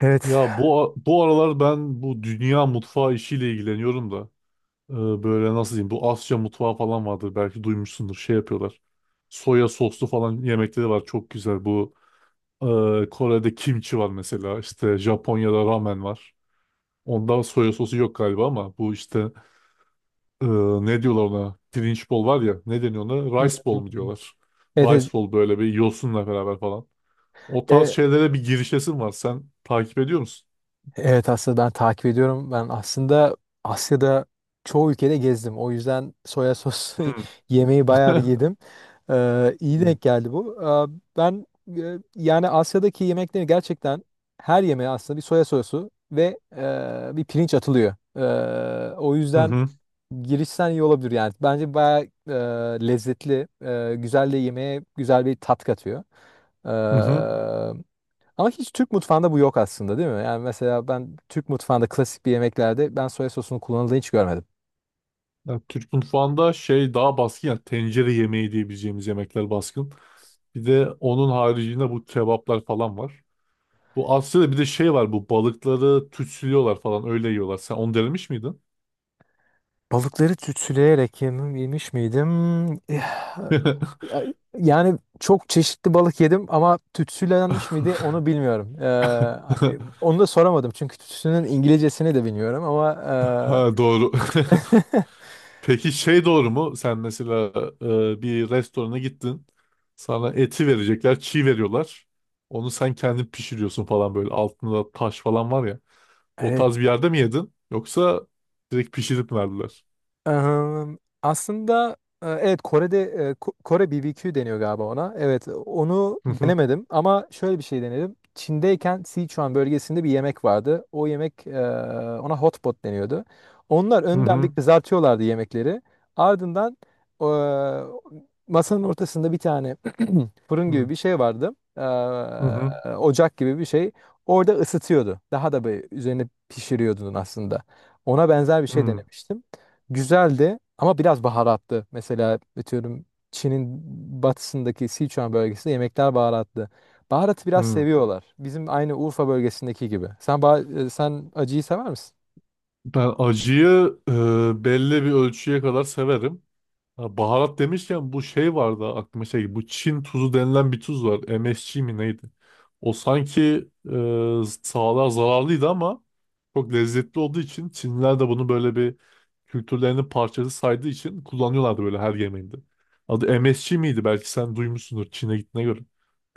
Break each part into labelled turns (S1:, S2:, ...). S1: Evet.
S2: Ya bu bu aralar ben bu dünya mutfağı işiyle ilgileniyorum da e, böyle nasıl diyeyim, bu Asya mutfağı falan vardır, belki duymuşsundur, şey yapıyorlar. Soya soslu falan yemekleri var, çok güzel bu Kore'de kimchi var mesela, işte Japonya'da ramen var. Onda soya sosu yok galiba ama bu işte e, ne diyorlar ona, pirinç bol var ya, ne deniyor ona,
S1: Hmm.
S2: rice bol mu diyorlar.
S1: Evet,
S2: Rice
S1: evet.
S2: bol, böyle bir yosunla beraber falan. O tarz
S1: E,
S2: şeylere bir girişesin var, sen takip ediyor musun?
S1: evet aslında ben takip ediyorum. Ben aslında Asya'da çoğu ülkede gezdim. O yüzden soya sosu
S2: Hı.
S1: yemeği bayağı bir yedim. İyi denk geldi bu. Ben, yani Asya'daki yemekleri gerçekten her yemeğe aslında bir soya sosu ve bir pirinç atılıyor. O
S2: Hı
S1: yüzden
S2: hı.
S1: girişten iyi olabilir yani. Bence bayağı e, lezzetli, güzel de yemeğe güzel bir tat katıyor. Ee,
S2: Hı hı.
S1: Ama hiç Türk mutfağında bu yok aslında değil mi? Yani mesela ben Türk mutfağında klasik bir yemeklerde ben soya sosunun kullanıldığını hiç görmedim.
S2: Ya Türk mutfağında şey daha baskın, ya tencere yemeği diyebileceğimiz yemekler baskın. Bir de onun haricinde bu kebaplar falan var. Bu Asya'da bir de şey var, bu balıkları tütsülüyorlar falan, öyle yiyorlar. Sen onu denemiş miydin?
S1: Balıkları tütsüleyerek yemiş miydim? Eh, Yani çok çeşitli balık yedim ama tütsülenmiş miydi onu bilmiyorum. Onu da soramadım çünkü tütsünün İngilizcesini de bilmiyorum ama
S2: Ha, doğru. Peki şey doğru mu? Sen mesela bir restorana gittin. Sana eti verecekler, çiğ veriyorlar. Onu sen kendin pişiriyorsun falan, böyle altında taş falan var ya. O
S1: evet
S2: tarz bir yerde mi yedin? Yoksa direkt pişirip mi verdiler?
S1: Ehm, aslında evet, Kore'de Kore BBQ deniyor galiba ona. Evet onu
S2: Hı hı,
S1: denemedim ama şöyle bir şey denedim. Çin'deyken Sichuan bölgesinde bir yemek vardı. O yemek ona hot pot deniyordu. Onlar
S2: hı
S1: önden bir
S2: hı,
S1: kızartıyorlardı yemekleri. Ardından e, masanın ortasında bir tane fırın gibi
S2: hı
S1: bir şey vardı.
S2: hı,
S1: Ocak gibi bir şey. Orada ısıtıyordu. Daha da böyle üzerine pişiriyordun aslında. Ona benzer bir şey
S2: hı
S1: denemiştim. Güzeldi ama biraz baharatlı. Mesela atıyorum Çin'in batısındaki Sichuan bölgesinde yemekler baharatlı. Baharatı biraz
S2: hı.
S1: seviyorlar. Bizim aynı Urfa bölgesindeki gibi. Sen acıyı sever misin?
S2: Ben acıyı belli bir ölçüye kadar severim. Ha, baharat demişken bu şey vardı aklıma, şey, bu Çin tuzu denilen bir tuz var. MSG mi neydi? O sanki sağlığa zararlıydı ama çok lezzetli olduğu için Çinliler de bunu, böyle bir kültürlerinin parçası saydığı için, kullanıyorlardı böyle her yemeğinde. Adı MSG miydi? Belki sen duymuşsundur Çin'e gittiğine göre.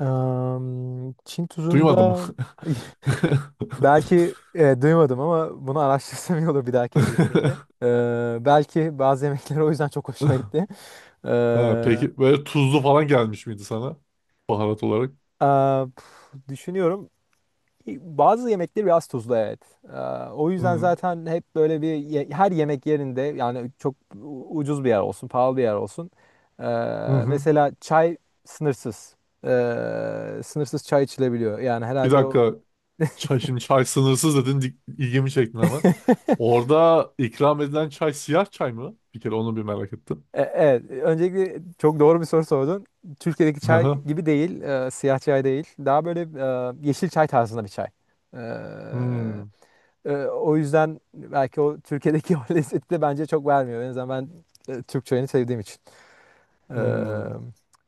S1: Çin
S2: Duymadım.
S1: tuzunda. Belki duymadım ama bunu araştırsam iyi olur bir dahakine gittiğimde. E, Belki bazı yemekler o yüzden çok hoşuma gitti.
S2: Ha,
S1: E,
S2: peki böyle tuzlu falan gelmiş miydi sana baharat olarak?
S1: düşünüyorum. Bazı yemekler biraz tuzlu, evet. E, O yüzden
S2: Hı
S1: zaten hep böyle her yemek yerinde yani çok ucuz bir yer olsun, pahalı bir yer olsun. E,
S2: hı. Hı.
S1: Mesela çay sınırsız. Sınırsız çay içilebiliyor. Yani
S2: Bir
S1: herhalde o...
S2: dakika. Çay, şimdi çay sınırsız dedin. İlgimi çektin hemen. Orada ikram edilen çay siyah çay mı? Bir kere onu bir merak ettim.
S1: Evet, öncelikle çok doğru bir soru sordun. Türkiye'deki
S2: Hı
S1: çay
S2: hı.
S1: gibi değil, siyah çay değil. Daha böyle yeşil çay tarzında bir çay. E,
S2: Hmm,
S1: O yüzden belki o Türkiye'deki o lezzeti de bence çok vermiyor. En azından ben Türk çayını sevdiğim için. E,
S2: hmm.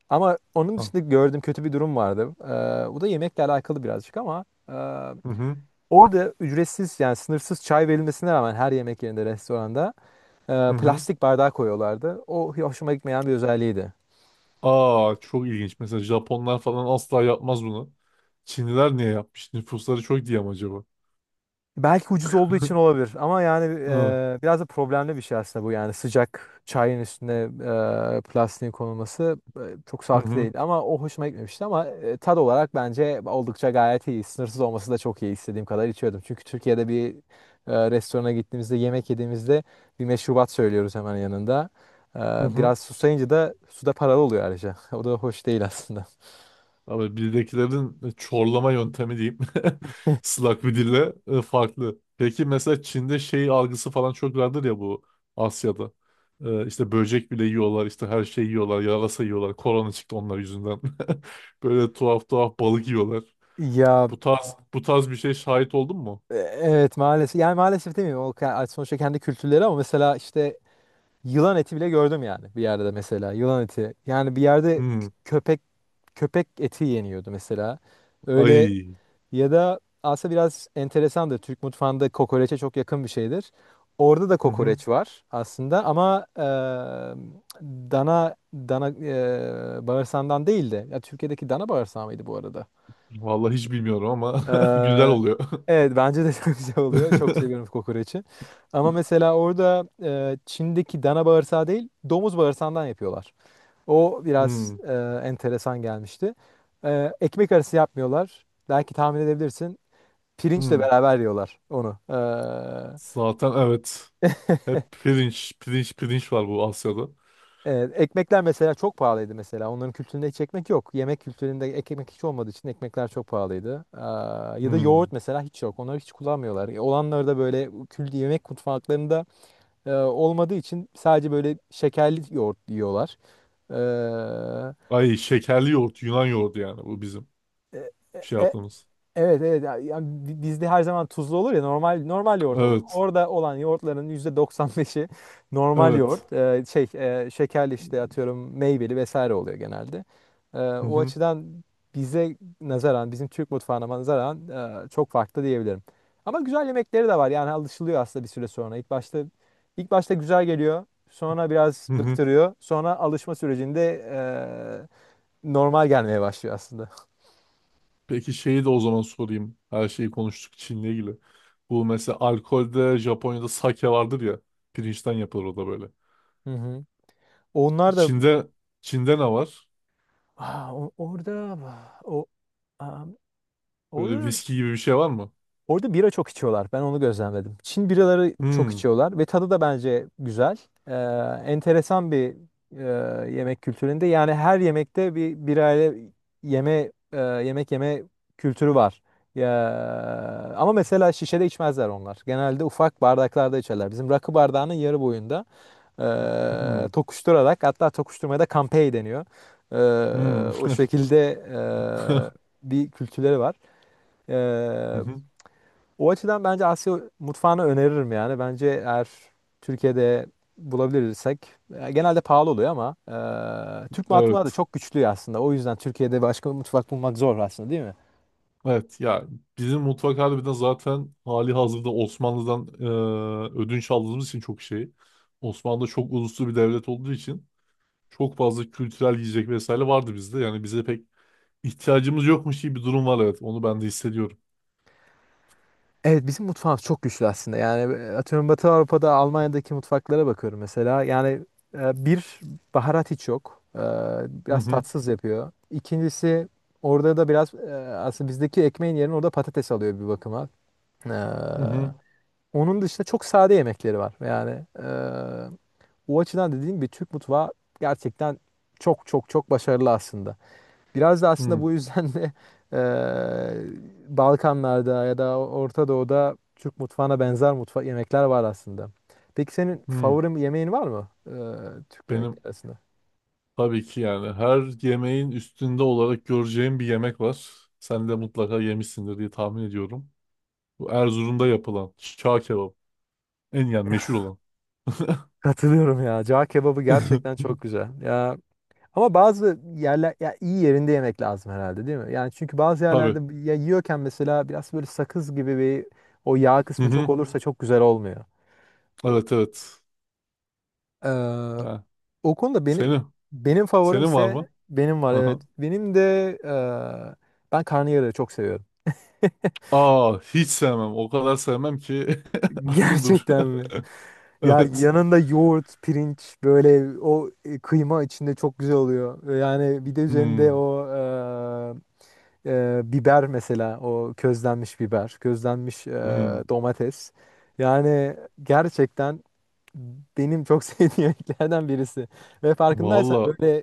S1: Ama onun
S2: Ha,
S1: dışında gördüğüm kötü bir durum vardı. Bu da yemekle alakalı birazcık ama
S2: hı hı.
S1: orada ücretsiz yani sınırsız çay verilmesine rağmen her yemek yerinde, restoranda
S2: Hı hı.
S1: plastik bardağı koyuyorlardı. O hoşuma gitmeyen bir özelliğiydi.
S2: Aa, çok ilginç. Mesela Japonlar falan asla yapmaz bunu. Çinliler niye yapmış? Nüfusları çok diye mi acaba?
S1: Belki ucuz olduğu için olabilir ama yani,
S2: Hı
S1: biraz da problemli bir şey aslında bu, yani sıcak çayın üstüne plastiğin konulması çok sağlıklı
S2: hı.
S1: değil ama o hoşuma gitmemişti ama tad olarak bence oldukça gayet iyi. Sınırsız olması da çok iyi, istediğim kadar içiyordum. Çünkü Türkiye'de bir restorana gittiğimizde, yemek yediğimizde bir meşrubat söylüyoruz hemen yanında. E,
S2: Hı hı.
S1: Biraz susayınca da su da paralı oluyor ayrıca. O da hoş değil aslında.
S2: Abi bizdekilerin çorlama yöntemi diyeyim. Slak bir dille farklı. Peki mesela Çin'de şey algısı falan çok vardır ya, bu Asya'da. E, işte böcek bile yiyorlar, işte her şeyi yiyorlar, yarasa yiyorlar. Korona çıktı onlar yüzünden. Böyle tuhaf tuhaf balık yiyorlar.
S1: Ya,
S2: Bu tarz, bu tarz bir şey şahit oldun mu?
S1: evet maalesef, yani maalesef demeyeyim, sonuçta kendi kültürleri ama mesela işte. Yılan eti bile gördüm, yani bir yerde mesela yılan eti. Yani bir yerde
S2: Hmm.
S1: köpek eti yeniyordu mesela. Öyle
S2: Ay.
S1: ya da aslında biraz enteresandır. Türk mutfağında kokoreçe çok yakın bir şeydir. Orada da
S2: Hı hı.
S1: kokoreç var aslında ama dana bağırsağından değil de ya Türkiye'deki dana bağırsağı mıydı bu arada?
S2: Vallahi hiç bilmiyorum ama güzel
S1: Eee,
S2: oluyor.
S1: evet, bence de çok güzel oluyor. Çok seviyorum kokoreçi. Ama mesela orada Çin'deki dana bağırsağı değil, domuz bağırsağından yapıyorlar. O biraz,
S2: Hmm.
S1: enteresan gelmişti. Ekmek arası yapmıyorlar. Belki tahmin edebilirsin. Pirinçle
S2: Hmm.
S1: beraber yiyorlar onu.
S2: Zaten evet. Hep pirinç, pirinç, pirinç var bu Asya'da.
S1: Evet, ekmekler mesela çok pahalıydı mesela. Onların kültüründe hiç ekmek yok. Yemek kültüründe ekmek hiç olmadığı için ekmekler çok pahalıydı. Ya da yoğurt
S2: Hmm.
S1: mesela hiç yok. Onları hiç kullanmıyorlar. Olanları da böyle kült yemek mutfaklarında olmadığı için sadece böyle şekerli yoğurt yiyorlar. Ee,
S2: Ay, şekerli yoğurt, Yunan yoğurdu yani, bu bizim
S1: e-
S2: şey
S1: e-
S2: yaptığımız.
S1: Evet, evet ya, ya bizde her zaman tuzlu olur ya, normal normal yoğurt olur.
S2: Evet,
S1: Orada olan yoğurtların %95'i normal
S2: evet.
S1: yoğurt. Şey, şekerli işte, atıyorum, meyveli vesaire oluyor genelde.
S2: Hı
S1: O
S2: hı,
S1: açıdan bize nazaran, bizim Türk mutfağına nazaran çok farklı diyebilirim. Ama güzel yemekleri de var, yani alışılıyor aslında bir süre sonra. İlk başta güzel geliyor. Sonra biraz
S2: hı hı.
S1: bıktırıyor. Sonra alışma sürecinde normal gelmeye başlıyor aslında.
S2: Peki şeyi de o zaman sorayım. Her şeyi konuştuk Çin'le ilgili. Bu mesela, alkolde Japonya'da sake vardır ya. Pirinçten yapılır o da böyle.
S1: Hı hı. Onlar da...
S2: Çin'de Çin'de ne var?
S1: Aa, o- orada o aa,
S2: Böyle
S1: orada
S2: viski gibi bir şey var mı?
S1: orada bira çok içiyorlar. Ben onu gözlemledim. Çin biraları çok
S2: Hmm.
S1: içiyorlar ve tadı da bence güzel. Ee, Enteresan bir yemek kültüründe. Yani her yemekte bir birayla yemek yeme kültürü var. Ya, ama mesela şişede içmezler onlar. Genelde ufak bardaklarda içerler. Bizim rakı bardağının yarı boyunda
S2: Hmm.
S1: tokuşturarak, hatta tokuşturmaya da kampey deniyor.
S2: Hmm.
S1: O şekilde
S2: Hı
S1: bir kültürleri var. E,
S2: hı.
S1: O açıdan bence Asya mutfağını öneririm yani. Bence eğer Türkiye'de bulabilirsek genelde pahalı oluyor ama Türk mutfağı da
S2: Evet.
S1: çok güçlü aslında. O yüzden Türkiye'de başka bir mutfak bulmak zor aslında, değil mi?
S2: Evet ya, bizim mutfak harbiden zaten hali hazırda Osmanlı'dan ödünç aldığımız için çok şey. Osmanlı çok uluslu bir devlet olduğu için çok fazla kültürel yiyecek vesaire vardı bizde. Yani bize pek ihtiyacımız yokmuş gibi bir durum var, evet. Onu ben de hissediyorum.
S1: Evet, bizim mutfağımız çok güçlü aslında. Yani atıyorum, Batı Avrupa'da Almanya'daki mutfaklara bakıyorum mesela. Yani bir baharat hiç yok.
S2: Hı
S1: Biraz
S2: hı,
S1: tatsız yapıyor. İkincisi, orada da biraz aslında bizdeki ekmeğin yerine orada patates alıyor bir bakıma. E,
S2: hı hı,
S1: Onun dışında çok sade yemekleri var. Yani o açıdan, dediğim gibi, Türk mutfağı gerçekten çok çok çok başarılı aslında. Biraz da aslında
S2: hı.
S1: bu yüzden de Balkanlarda ya da Orta Doğu'da Türk mutfağına benzer yemekler var aslında. Peki senin
S2: Hı.
S1: favori yemeğin var mı Türk
S2: Benim
S1: yemekleri arasında?
S2: tabii ki yani her yemeğin üstünde olarak göreceğim bir yemek var. Sen de mutlaka yemişsindir diye tahmin ediyorum. Bu Erzurum'da yapılan çağ kebabı. En yani meşhur olan.
S1: Katılıyorum ya. Cağ kebabı gerçekten çok güzel. Ya ama bazı yerler, ya iyi yerinde yemek lazım herhalde, değil mi? Yani çünkü bazı
S2: Tabii.
S1: yerlerde ya, yiyorken mesela biraz böyle sakız gibi bir, o yağ
S2: Hı
S1: kısmı çok
S2: hı.
S1: olursa çok güzel olmuyor. O-
S2: Evet, evet.
S1: Ee,
S2: Ya,
S1: O konuda benim
S2: senin.
S1: benim
S2: Senin var
S1: favorimse
S2: mı?
S1: benim var,
S2: Aha.
S1: evet. Benim de ben karnıyarığı çok seviyorum.
S2: Aa, hiç sevmem. O kadar sevmem ki aklım durur.
S1: Gerçekten mi? Ya,
S2: Evet.
S1: yanında yoğurt, pirinç, böyle o kıyma içinde çok güzel oluyor. Yani bir de üzerinde
S2: Hmm.
S1: o biber mesela, o közlenmiş biber, közlenmiş
S2: Hmm.
S1: domates. Yani gerçekten benim çok sevdiğim yemeklerden birisi. Ve farkındaysan
S2: Valla.
S1: böyle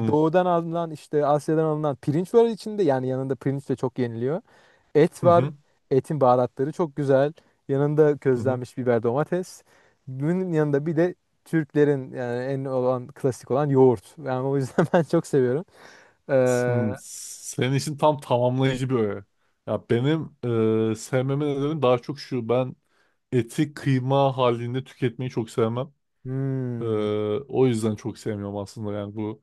S1: doğudan alınan, işte Asya'dan alınan pirinç var içinde. Yani yanında pirinç de çok yeniliyor. Et
S2: Hı
S1: var.
S2: hı.
S1: Etin baharatları çok güzel. Yanında
S2: Hı hı.
S1: közlenmiş biber, domates. Bunun yanında bir de Türklerin, yani en olan klasik olan yoğurt. Yani o yüzden ben çok seviyorum.
S2: Hmm.
S1: Ee,
S2: Senin için tam tamamlayıcı bir öğe. Ya benim sevmemin nedeni daha çok şu. Ben eti kıyma halinde tüketmeyi çok sevmem. E,
S1: hmm,
S2: o yüzden çok sevmiyorum aslında, yani bu,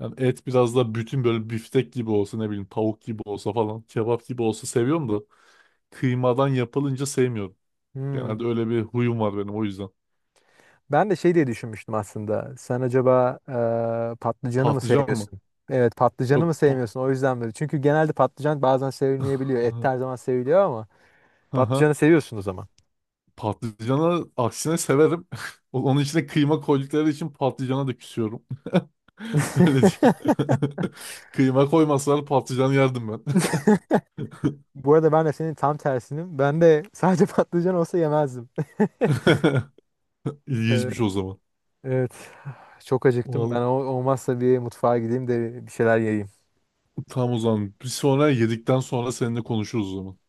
S2: yani et biraz da bütün, böyle biftek gibi olsa, ne bileyim tavuk gibi olsa falan, kebap gibi olsa seviyorum da kıymadan yapılınca sevmiyorum. Genelde
S1: hmm.
S2: öyle bir huyum var benim, o yüzden.
S1: Ben de şey diye düşünmüştüm aslında. Sen acaba patlıcanı mı
S2: Patlıcan mı?
S1: sevmiyorsun? Evet, patlıcanı
S2: Yok
S1: mı
S2: pa
S1: sevmiyorsun? O yüzden böyle. Çünkü genelde patlıcan bazen sevilmeyebiliyor. Et her zaman seviliyor ama
S2: Aha.
S1: patlıcanı seviyorsun o zaman.
S2: Patlıcanı aksine severim. Onun içine kıyma koydukları için patlıcana da küsüyorum. Öyle diyeyim. Kıyma koymasalar patlıcan yerdim ben.
S1: Bu arada ben de senin tam tersinim. Ben de sadece patlıcan olsa yemezdim. Ee,
S2: İlginçmiş o zaman.
S1: Evet. Çok acıktım. Ben
S2: Vallahi,
S1: olmazsa bir mutfağa gideyim de bir şeyler yiyeyim.
S2: tam o zaman. Bir sonra yedikten sonra seninle konuşuruz o zaman.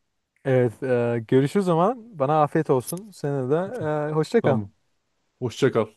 S1: Evet. Görüşürüz o zaman. Bana afiyet olsun. Sana da
S2: Tamam.
S1: hoşça kal.
S2: Tamam. Hoşça kal.